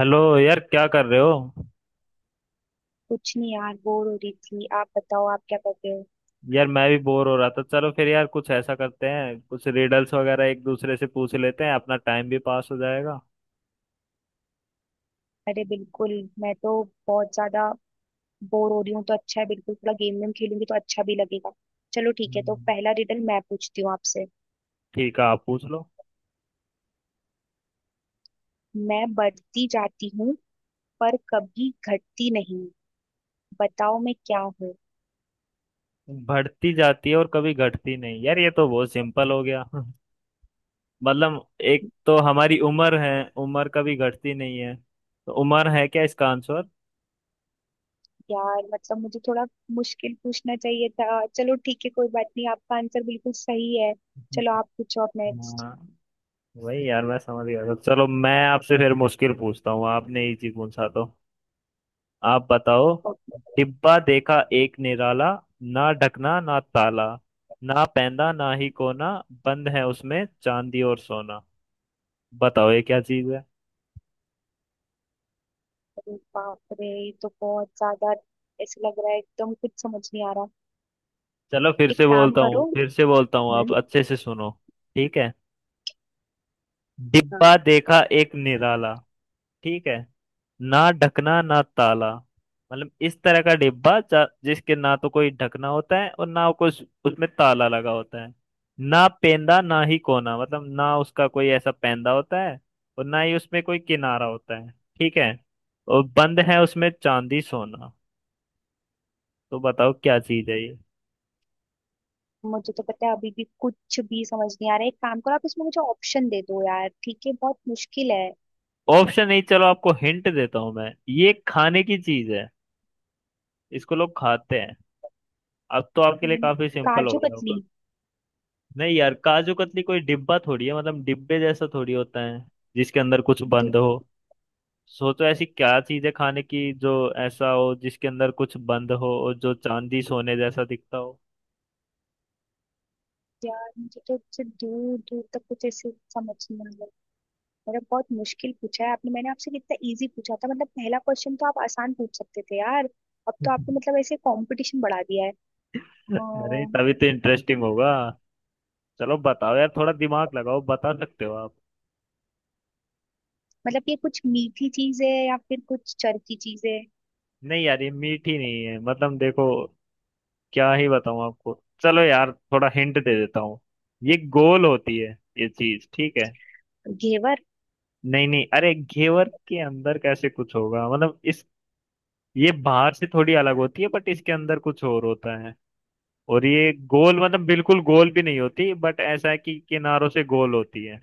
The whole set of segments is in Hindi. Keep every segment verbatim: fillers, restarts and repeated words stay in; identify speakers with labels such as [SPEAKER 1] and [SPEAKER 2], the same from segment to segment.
[SPEAKER 1] हेलो यार, क्या कर रहे हो।
[SPEAKER 2] कुछ नहीं यार, बोर हो रही थी। आप बताओ, आप क्या कर रहे हो।
[SPEAKER 1] यार, मैं भी बोर हो रहा था। चलो फिर यार कुछ ऐसा करते हैं, कुछ रिडल्स वगैरह एक दूसरे से पूछ लेते हैं, अपना टाइम भी पास हो जाएगा।
[SPEAKER 2] अरे बिल्कुल। मैं तो बहुत ज्यादा बोर हो रही हूँ, तो अच्छा है, बिल्कुल थोड़ा गेम वेम खेलूंगी तो अच्छा भी लगेगा। चलो ठीक है, तो
[SPEAKER 1] हम्म,
[SPEAKER 2] पहला रिडल मैं पूछती हूँ आपसे।
[SPEAKER 1] ठीक है, आप पूछ लो।
[SPEAKER 2] मैं बढ़ती जाती हूँ, पर कभी घटती नहीं। बताओ मैं क्या हूँ।
[SPEAKER 1] बढ़ती जाती है और कभी घटती नहीं, यार ये तो बहुत सिंपल हो गया। मतलब एक तो हमारी उम्र है। उम्र कभी घटती नहीं है, तो उम्र है क्या इसका आंसर।
[SPEAKER 2] यार मतलब मुझे थोड़ा मुश्किल पूछना चाहिए था। चलो ठीक है, कोई बात नहीं, आपका आंसर बिल्कुल सही है। चलो आप पूछो, आप नेक्स्ट।
[SPEAKER 1] हाँ, वही यार, मैं समझ गया था। चलो मैं आपसे फिर मुश्किल पूछता हूँ, आपने इजी पूछा तो। आप बताओ। डिब्बा देखा एक निराला, ना ढकना ना ताला, ना पैंदा ना ही कोना, बंद है उसमें चांदी और सोना। बताओ ये क्या चीज है।
[SPEAKER 2] बाप रे, ये तो बहुत ज्यादा ऐसे लग रहा है, एकदम कुछ समझ नहीं आ रहा।
[SPEAKER 1] चलो फिर
[SPEAKER 2] एक
[SPEAKER 1] से
[SPEAKER 2] काम
[SPEAKER 1] बोलता हूँ,
[SPEAKER 2] करो।
[SPEAKER 1] फिर से बोलता हूँ,
[SPEAKER 2] हम्म।
[SPEAKER 1] आप अच्छे से सुनो। ठीक है।
[SPEAKER 2] हाँ।
[SPEAKER 1] डिब्बा देखा एक निराला। ठीक है। ना ढकना ना ताला, मतलब इस तरह का डिब्बा जा- जिसके ना तो कोई ढकना होता है और ना कुछ उसमें ताला लगा होता है। ना पेंदा ना ही कोना, मतलब ना उसका कोई ऐसा पेंदा होता है और ना ही उसमें कोई किनारा होता है। ठीक है। और बंद है उसमें चांदी सोना। तो बताओ क्या चीज है ये।
[SPEAKER 2] मुझे तो पता है अभी भी कुछ भी समझ नहीं आ रहा है। एक काम करो, आप इसमें मुझे ऑप्शन दे दो यार, ठीक है? बहुत मुश्किल है।
[SPEAKER 1] ऑप्शन नहीं, चलो आपको हिंट देता हूं मैं। ये खाने की चीज है, इसको लोग खाते हैं। अब तो आपके लिए
[SPEAKER 2] खाने,
[SPEAKER 1] काफी सिंपल हो
[SPEAKER 2] काजू
[SPEAKER 1] गया होगा।
[SPEAKER 2] कतली।
[SPEAKER 1] नहीं यार, काजू कतली कोई डिब्बा थोड़ी है, मतलब डिब्बे जैसा थोड़ी होता है जिसके अंदर कुछ
[SPEAKER 2] दू-
[SPEAKER 1] बंद हो। सोचो ऐसी क्या चीज है खाने की जो ऐसा हो जिसके अंदर कुछ बंद हो और जो चांदी सोने जैसा दिखता हो।
[SPEAKER 2] यार मुझे तो इससे दूर दूर तक कुछ ऐसे समझ नहीं आ रहा है। मतलब बहुत मुश्किल पूछा है आपने, मैंने आपसे कितना इजी पूछा था। मतलब पहला क्वेश्चन तो आप आसान पूछ सकते थे यार। अब तो आपने मतलब ऐसे कंपटीशन बढ़ा दिया है। अ,
[SPEAKER 1] अरे तभी तो इंटरेस्टिंग होगा। चलो बताओ यार, थोड़ा दिमाग लगाओ, बता सकते हो आप।
[SPEAKER 2] मतलब ये कुछ मीठी चीज है या फिर कुछ चरखी चीज है?
[SPEAKER 1] नहीं यार, ये मीठी नहीं है। मतलब देखो, क्या ही बताऊं आपको। चलो यार थोड़ा हिंट दे देता हूँ। ये गोल होती है ये चीज, ठीक है।
[SPEAKER 2] घेवर?
[SPEAKER 1] नहीं नहीं, अरे घेवर के अंदर कैसे कुछ होगा, मतलब इस, ये बाहर से थोड़ी अलग होती है बट इसके अंदर कुछ और होता है। और ये गोल, मतलब बिल्कुल गोल भी नहीं होती, बट ऐसा है कि किनारों से गोल होती है।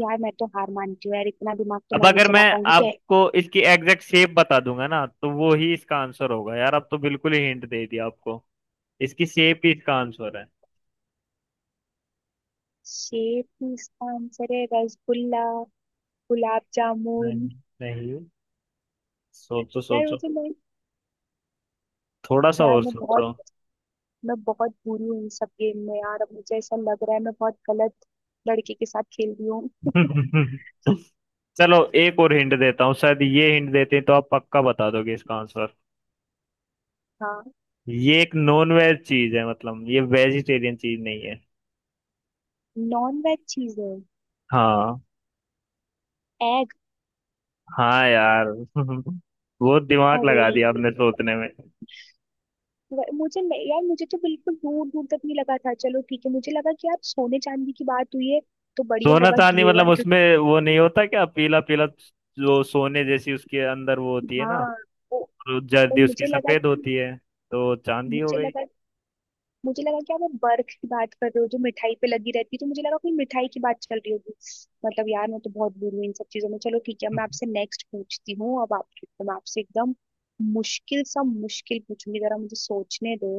[SPEAKER 2] यार मैं तो हार मानती हूँ, यार इतना दिमाग तो
[SPEAKER 1] अब
[SPEAKER 2] मैं नहीं
[SPEAKER 1] अगर मैं
[SPEAKER 2] चला पाऊंगी तो।
[SPEAKER 1] आपको इसकी एग्जैक्ट शेप बता दूंगा ना तो वो ही इसका आंसर होगा, यार अब तो बिल्कुल ही हिंट दे दिया आपको। इसकी शेप ही इसका आंसर है।
[SPEAKER 2] शेप ही इसका आंसर है? रसगुल्ला? गुलाब जामुन?
[SPEAKER 1] नहीं, नहीं, सोचो
[SPEAKER 2] यार
[SPEAKER 1] सोचो।
[SPEAKER 2] मुझे मैं
[SPEAKER 1] थोड़ा सा
[SPEAKER 2] यार
[SPEAKER 1] और
[SPEAKER 2] मैं बहुत
[SPEAKER 1] सोचो।
[SPEAKER 2] मैं बहुत बुरी हूँ इन सब गेम में। यार अब मुझे ऐसा लग रहा है मैं बहुत गलत लड़के के साथ खेल रही हूँ।
[SPEAKER 1] चलो एक और हिंट देता हूँ, शायद ये हिंट देते हैं तो आप पक्का बता दोगे इसका आंसर।
[SPEAKER 2] हाँ।
[SPEAKER 1] ये एक नॉन वेज चीज है, मतलब ये वेजिटेरियन चीज नहीं है।
[SPEAKER 2] नॉन वेज चीजें?
[SPEAKER 1] हाँ।
[SPEAKER 2] एग?
[SPEAKER 1] हाँ यार। बहुत दिमाग
[SPEAKER 2] अरे
[SPEAKER 1] लगा दिया आपने सोचने में।
[SPEAKER 2] व- मुझे नहीं- यार मुझे तो बिल्कुल दूर दूर तक नहीं लगा था। चलो ठीक है, मुझे लगा कि यार सोने चांदी की बात हुई है, तो बढ़िया
[SPEAKER 1] सोना
[SPEAKER 2] होगा
[SPEAKER 1] चांदी, मतलब
[SPEAKER 2] घेवर क्योंकि।
[SPEAKER 1] उसमें वो नहीं होता क्या, पीला पीला जो सोने जैसी उसके अंदर वो होती है ना।
[SPEAKER 2] हाँ। तो,
[SPEAKER 1] और
[SPEAKER 2] तो
[SPEAKER 1] जर्दी उसकी
[SPEAKER 2] मुझे लगा
[SPEAKER 1] सफेद
[SPEAKER 2] कि
[SPEAKER 1] होती है, तो चांदी हो
[SPEAKER 2] मुझे
[SPEAKER 1] गई।
[SPEAKER 2] लगा मुझे लगा कि आप वो बर्फ की बात कर रहे हो जो मिठाई पे लगी रहती है, तो मुझे लगा कोई मिठाई की बात चल रही होगी। मतलब यार मैं तो बहुत बुरी हूँ इन सब चीजों में। चलो ठीक है, अब मैं आपसे नेक्स्ट पूछती हूँ। अब आपके तो, मैं आपसे एकदम मुश्किल सा मुश्किल पूछूंगी। जरा मुझे सोचने दो।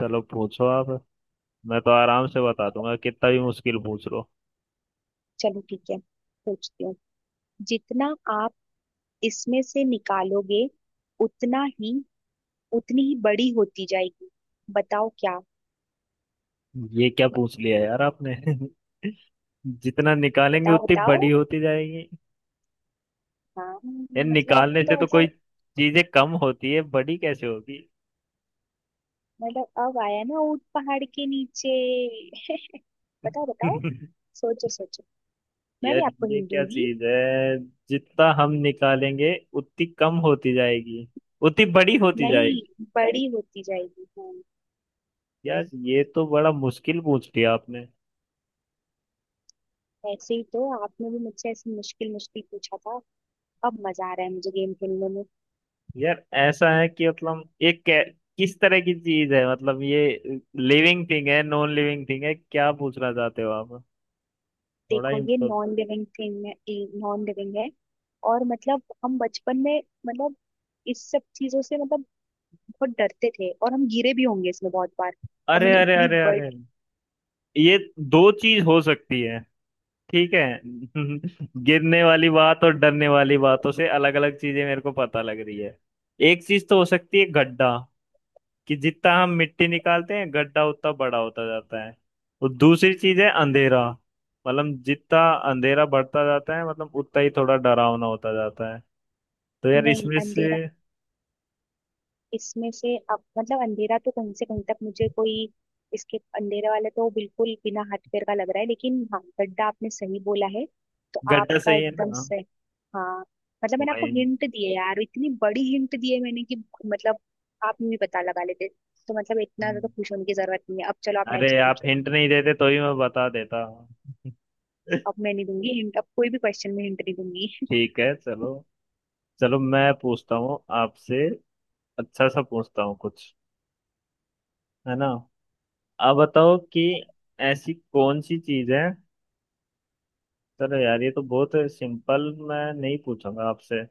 [SPEAKER 1] चलो पूछो आप, मैं तो आराम से बता दूंगा कितना भी मुश्किल पूछ लो।
[SPEAKER 2] चलो ठीक है, पूछती हूँ। जितना आप इसमें से निकालोगे, उतना ही, उतनी ही बड़ी होती जाएगी। बताओ क्या?
[SPEAKER 1] ये क्या पूछ लिया यार आपने। जितना निकालेंगे
[SPEAKER 2] बताओ
[SPEAKER 1] उतनी बड़ी
[SPEAKER 2] बताओ।
[SPEAKER 1] होती जाएगी।
[SPEAKER 2] हाँ
[SPEAKER 1] यार
[SPEAKER 2] मतलब अब
[SPEAKER 1] निकालने से
[SPEAKER 2] तो
[SPEAKER 1] तो कोई
[SPEAKER 2] मतलब,
[SPEAKER 1] चीजें कम होती है, बड़ी कैसे होगी।
[SPEAKER 2] मतलब अब आया ना ऊंट पहाड़ के नीचे। बताओ बताओ, सोचो सोचो। मैं भी
[SPEAKER 1] यार
[SPEAKER 2] आपको
[SPEAKER 1] ये क्या
[SPEAKER 2] हिलूंगी।
[SPEAKER 1] चीज है। जितना हम निकालेंगे उतनी कम होती जाएगी, उतनी बड़ी होती जाएगी।
[SPEAKER 2] नहीं, बड़ी होती जाएगी, हाँ।
[SPEAKER 1] यार ये तो बड़ा मुश्किल पूछ लिया आपने।
[SPEAKER 2] ऐसे ही तो आपने भी मुझसे ऐसे मुश्किल मुश्किल पूछा था। अब मजा आ रहा है मुझे गेम खेलने में।
[SPEAKER 1] यार ऐसा है कि मतलब ये कै- किस तरह की चीज है, मतलब ये लिविंग थिंग है, नॉन लिविंग थिंग है, क्या पूछना चाहते हो आप। थोड़ा
[SPEAKER 2] देखो
[SPEAKER 1] हिंट
[SPEAKER 2] ये
[SPEAKER 1] दो।
[SPEAKER 2] नॉन लिविंग थिंग है। नॉन लिविंग है। और मतलब हम बचपन में, मतलब इस सब चीजों से, मतलब बहुत डरते थे और हम गिरे भी होंगे इसमें बहुत बार।
[SPEAKER 1] अरे
[SPEAKER 2] हमने
[SPEAKER 1] अरे
[SPEAKER 2] इतनी
[SPEAKER 1] अरे अरे,
[SPEAKER 2] बड़ी।
[SPEAKER 1] ये दो चीज हो सकती है। ठीक है। गिरने वाली बात और डरने वाली बातों से अलग अलग चीजें मेरे को पता लग रही है। एक चीज तो हो सकती है गड्ढा, कि जितना हम मिट्टी निकालते हैं गड्ढा उतना बड़ा होता जाता है। और दूसरी चीज है अंधेरा, मतलब जितना अंधेरा बढ़ता जाता है मतलब उतना ही थोड़ा डरावना होता जाता है। तो यार
[SPEAKER 2] नहीं,
[SPEAKER 1] इसमें से
[SPEAKER 2] अंधेरा, इसमें से, अब मतलब अंधेरा तो कहीं से कहीं तक मुझे कोई, इसके अंधेरे वाला तो बिल्कुल बिना हथकड़ का लग रहा है। लेकिन हाँ, गड्ढा आपने सही बोला है, तो
[SPEAKER 1] गड्ढा
[SPEAKER 2] आपका
[SPEAKER 1] सही है
[SPEAKER 2] एकदम
[SPEAKER 1] ना।
[SPEAKER 2] सही। हाँ, मतलब मैंने आपको
[SPEAKER 1] भाई,
[SPEAKER 2] हिंट दिए यार, इतनी बड़ी हिंट दिए मैंने कि मतलब आप भी पता लगा लेते, तो मतलब इतना ज्यादा खुश होने की जरूरत नहीं है अब। चलो आप
[SPEAKER 1] अरे
[SPEAKER 2] नेक्स्ट
[SPEAKER 1] आप
[SPEAKER 2] पूछो।
[SPEAKER 1] हिंट नहीं देते तो ही मैं बता देता।
[SPEAKER 2] अब मैं नहीं दूंगी हिंट, अब कोई भी क्वेश्चन में हिंट नहीं दूंगी।
[SPEAKER 1] ठीक है, चलो। चलो मैं पूछता हूँ आपसे, अच्छा सा पूछता हूँ कुछ, है ना। आप बताओ कि ऐसी कौन सी चीज है। चलो यार ये तो बहुत सिंपल, मैं नहीं पूछूंगा आपसे।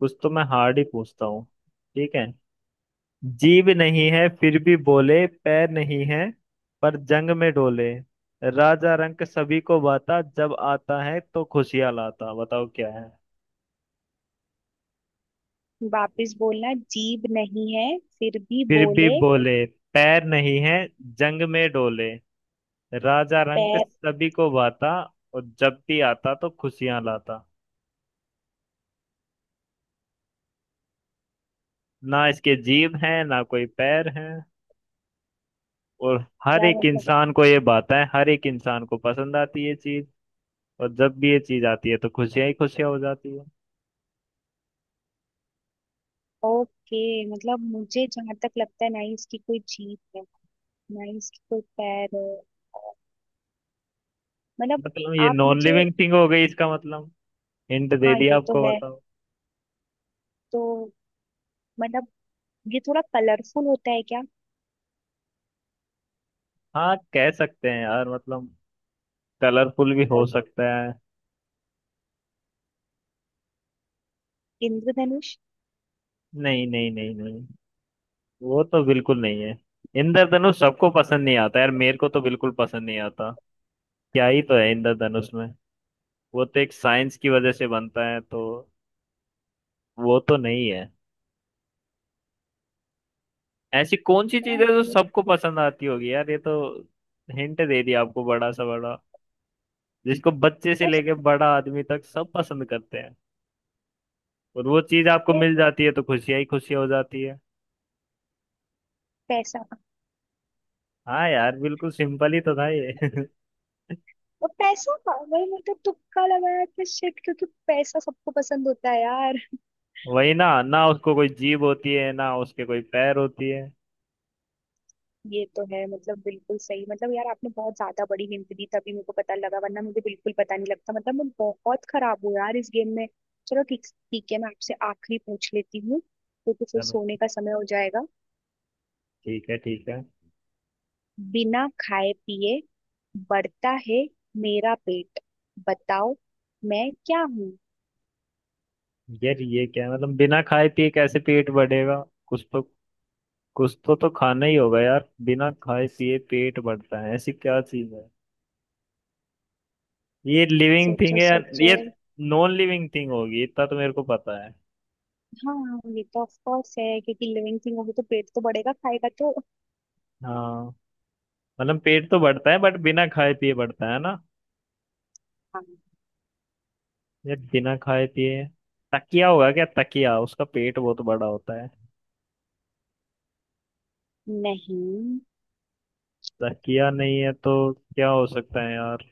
[SPEAKER 1] कुछ तो मैं हार्ड ही पूछता हूँ। ठीक है। जीभ नहीं है फिर भी बोले, पैर नहीं है पर जंग में डोले, राजा रंक सभी को बाता, जब आता है तो खुशियां लाता। बताओ क्या है।
[SPEAKER 2] वापस बोलना। जीभ नहीं है फिर भी
[SPEAKER 1] फिर भी
[SPEAKER 2] बोले।
[SPEAKER 1] बोले, पैर नहीं है, जंग में डोले, राजा रंक
[SPEAKER 2] पैर।
[SPEAKER 1] सभी को भाता, और जब भी आता तो खुशियां लाता। ना इसके जीभ हैं ना कोई पैर हैं। और हर
[SPEAKER 2] यार
[SPEAKER 1] एक
[SPEAKER 2] मतलब,
[SPEAKER 1] इंसान को ये बात है, हर एक इंसान को पसंद आती है ये चीज। और जब भी ये चीज आती है तो खुशियां ही खुशियां हो जाती है।
[SPEAKER 2] ओके, मतलब मुझे जहां तक लगता है, ना ही इसकी कोई जीभ है, ना ही इसकी कोई पैर है। और- मतलब
[SPEAKER 1] मतलब ये
[SPEAKER 2] आप
[SPEAKER 1] नॉन
[SPEAKER 2] मुझे।
[SPEAKER 1] लिविंग थिंग हो गई इसका मतलब। हिंट दे
[SPEAKER 2] हाँ
[SPEAKER 1] दिया
[SPEAKER 2] ये तो
[SPEAKER 1] आपको,
[SPEAKER 2] है,
[SPEAKER 1] बताओ।
[SPEAKER 2] तो मतलब ये थोड़ा कलरफुल होता है क्या?
[SPEAKER 1] हाँ, कह सकते हैं यार, मतलब कलरफुल भी हो
[SPEAKER 2] और
[SPEAKER 1] सकता है।
[SPEAKER 2] इंद्रधनुष?
[SPEAKER 1] नहीं नहीं नहीं नहीं, वो तो बिल्कुल नहीं है। इंद्रधनुष सबको पसंद नहीं आता यार, मेरे को तो बिल्कुल पसंद नहीं आता। क्या ही तो है इंद्रधनुष में, वो तो एक साइंस की वजह से बनता है, तो वो तो नहीं है। ऐसी कौन सी चीज है जो
[SPEAKER 2] यार,
[SPEAKER 1] सबको पसंद आती होगी, यार ये तो हिंट दे दिया आपको बड़ा सा बड़ा। जिसको बच्चे से लेके बड़ा आदमी तक सब पसंद करते हैं, और वो चीज आपको
[SPEAKER 2] यार,
[SPEAKER 1] मिल जाती है तो खुशियां ही खुशियां हो जाती है।
[SPEAKER 2] पैसा?
[SPEAKER 1] हाँ यार, बिल्कुल सिंपल ही तो था ये।
[SPEAKER 2] और पैसा का वही मतलब, तुक्का लगाया था। शिट, क्योंकि पैसा सबको पसंद होता है यार।
[SPEAKER 1] वही ना, ना उसको कोई जीभ होती है ना उसके कोई पैर होती है।
[SPEAKER 2] ये तो है, मतलब बिल्कुल सही। मतलब यार आपने बहुत ज्यादा बड़ी हिंट दी तभी मेरे को पता लगा, वरना मुझे बिल्कुल पता नहीं लगता। मतलब मैं बहुत खराब हूँ यार इस गेम में। चलो ठीक ठीक है, मैं आपसे आखिरी पूछ लेती हूँ, क्योंकि फिर
[SPEAKER 1] चलो
[SPEAKER 2] सोने का समय हो जाएगा।
[SPEAKER 1] ठीक है, ठीक है।
[SPEAKER 2] बिना खाए पिए बढ़ता है मेरा पेट। बताओ मैं क्या हूँ।
[SPEAKER 1] यार ये क्या, मतलब बिना खाए पिए कैसे पेट बढ़ेगा, कुछ तो, कुछ तो तो खाना ही होगा यार। बिना खाए पिए पेट बढ़ता है, ऐसी क्या चीज है। ये लिविंग थिंग
[SPEAKER 2] सोचो
[SPEAKER 1] है यार
[SPEAKER 2] सोचो।
[SPEAKER 1] ये, नॉन लिविंग थिंग होगी, इतना तो मेरे को पता है।
[SPEAKER 2] हाँ ये तो ऑफ कोर्स है, क्योंकि लिविंग थिंग होगी तो पेट तो बढ़ेगा, खाएगा तो।
[SPEAKER 1] हाँ। मतलब पेट तो बढ़ता है बट बिना खाए पिए बढ़ता है ना।
[SPEAKER 2] हाँ।
[SPEAKER 1] ये बिना खाए पिए, तकिया होगा क्या, तकिया उसका पेट बहुत बड़ा होता है।
[SPEAKER 2] नहीं।
[SPEAKER 1] तकिया नहीं है तो क्या हो सकता है यार,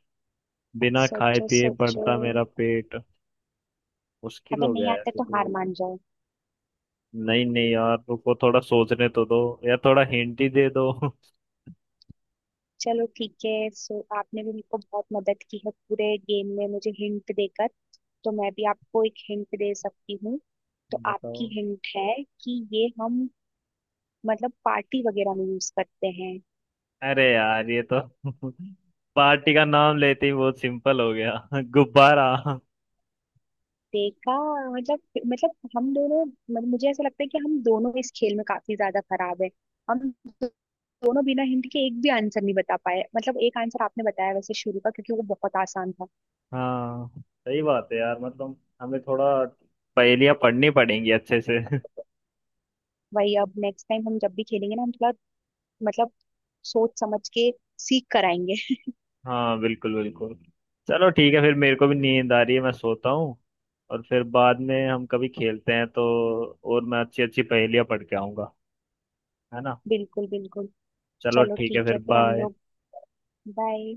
[SPEAKER 1] बिना खाए
[SPEAKER 2] सोचो
[SPEAKER 1] पिए
[SPEAKER 2] सोचो।
[SPEAKER 1] बढ़ता मेरा पेट। मुश्किल
[SPEAKER 2] अगर
[SPEAKER 1] हो गया
[SPEAKER 2] नहीं आता
[SPEAKER 1] यार ये
[SPEAKER 2] तो हार
[SPEAKER 1] तो।
[SPEAKER 2] मान जाओ।
[SPEAKER 1] नहीं नहीं यार, रुको थोड़ा सोचने तो दो। या थोड़ा हिंट ही दे दो।
[SPEAKER 2] चलो ठीक है, सो आपने भी मेरे को बहुत मदद की है पूरे गेम में मुझे हिंट देकर, तो मैं भी आपको एक हिंट दे सकती हूँ। तो
[SPEAKER 1] बताओ।
[SPEAKER 2] आपकी हिंट है, कि ये हम मतलब पार्टी वगैरह में यूज करते हैं।
[SPEAKER 1] अरे यार ये तो। पार्टी का नाम लेते ही बहुत सिंपल हो गया। गुब्बारा।
[SPEAKER 2] देखा! मतलब मतलब हम दोनों, मतलब मुझे ऐसा लगता है कि हम दोनों इस खेल में काफी ज्यादा खराब है। हम दोनों बिना हिंट के एक भी आंसर नहीं बता पाए। मतलब एक आंसर आपने बताया वैसे शुरू का, क्योंकि वो बहुत आसान था।
[SPEAKER 1] हाँ सही बात है यार, मतलब हमें थोड़ा पहेलियां पढ़नी पड़ेंगी अच्छे से।
[SPEAKER 2] वही, अब नेक्स्ट टाइम हम जब भी खेलेंगे ना, हम थोड़ा मतलब सोच समझ के सीख कराएंगे।
[SPEAKER 1] हाँ बिल्कुल बिल्कुल। चलो ठीक है, फिर मेरे को भी नींद आ रही है, मैं सोता हूँ। और फिर बाद में हम कभी खेलते हैं तो, और मैं अच्छी अच्छी पहेलियां पढ़ के आऊंगा, है ना।
[SPEAKER 2] बिल्कुल, बिल्कुल।
[SPEAKER 1] चलो
[SPEAKER 2] चलो
[SPEAKER 1] ठीक है,
[SPEAKER 2] ठीक
[SPEAKER 1] फिर
[SPEAKER 2] है, फिर हम
[SPEAKER 1] बाय।
[SPEAKER 2] लोग बाय।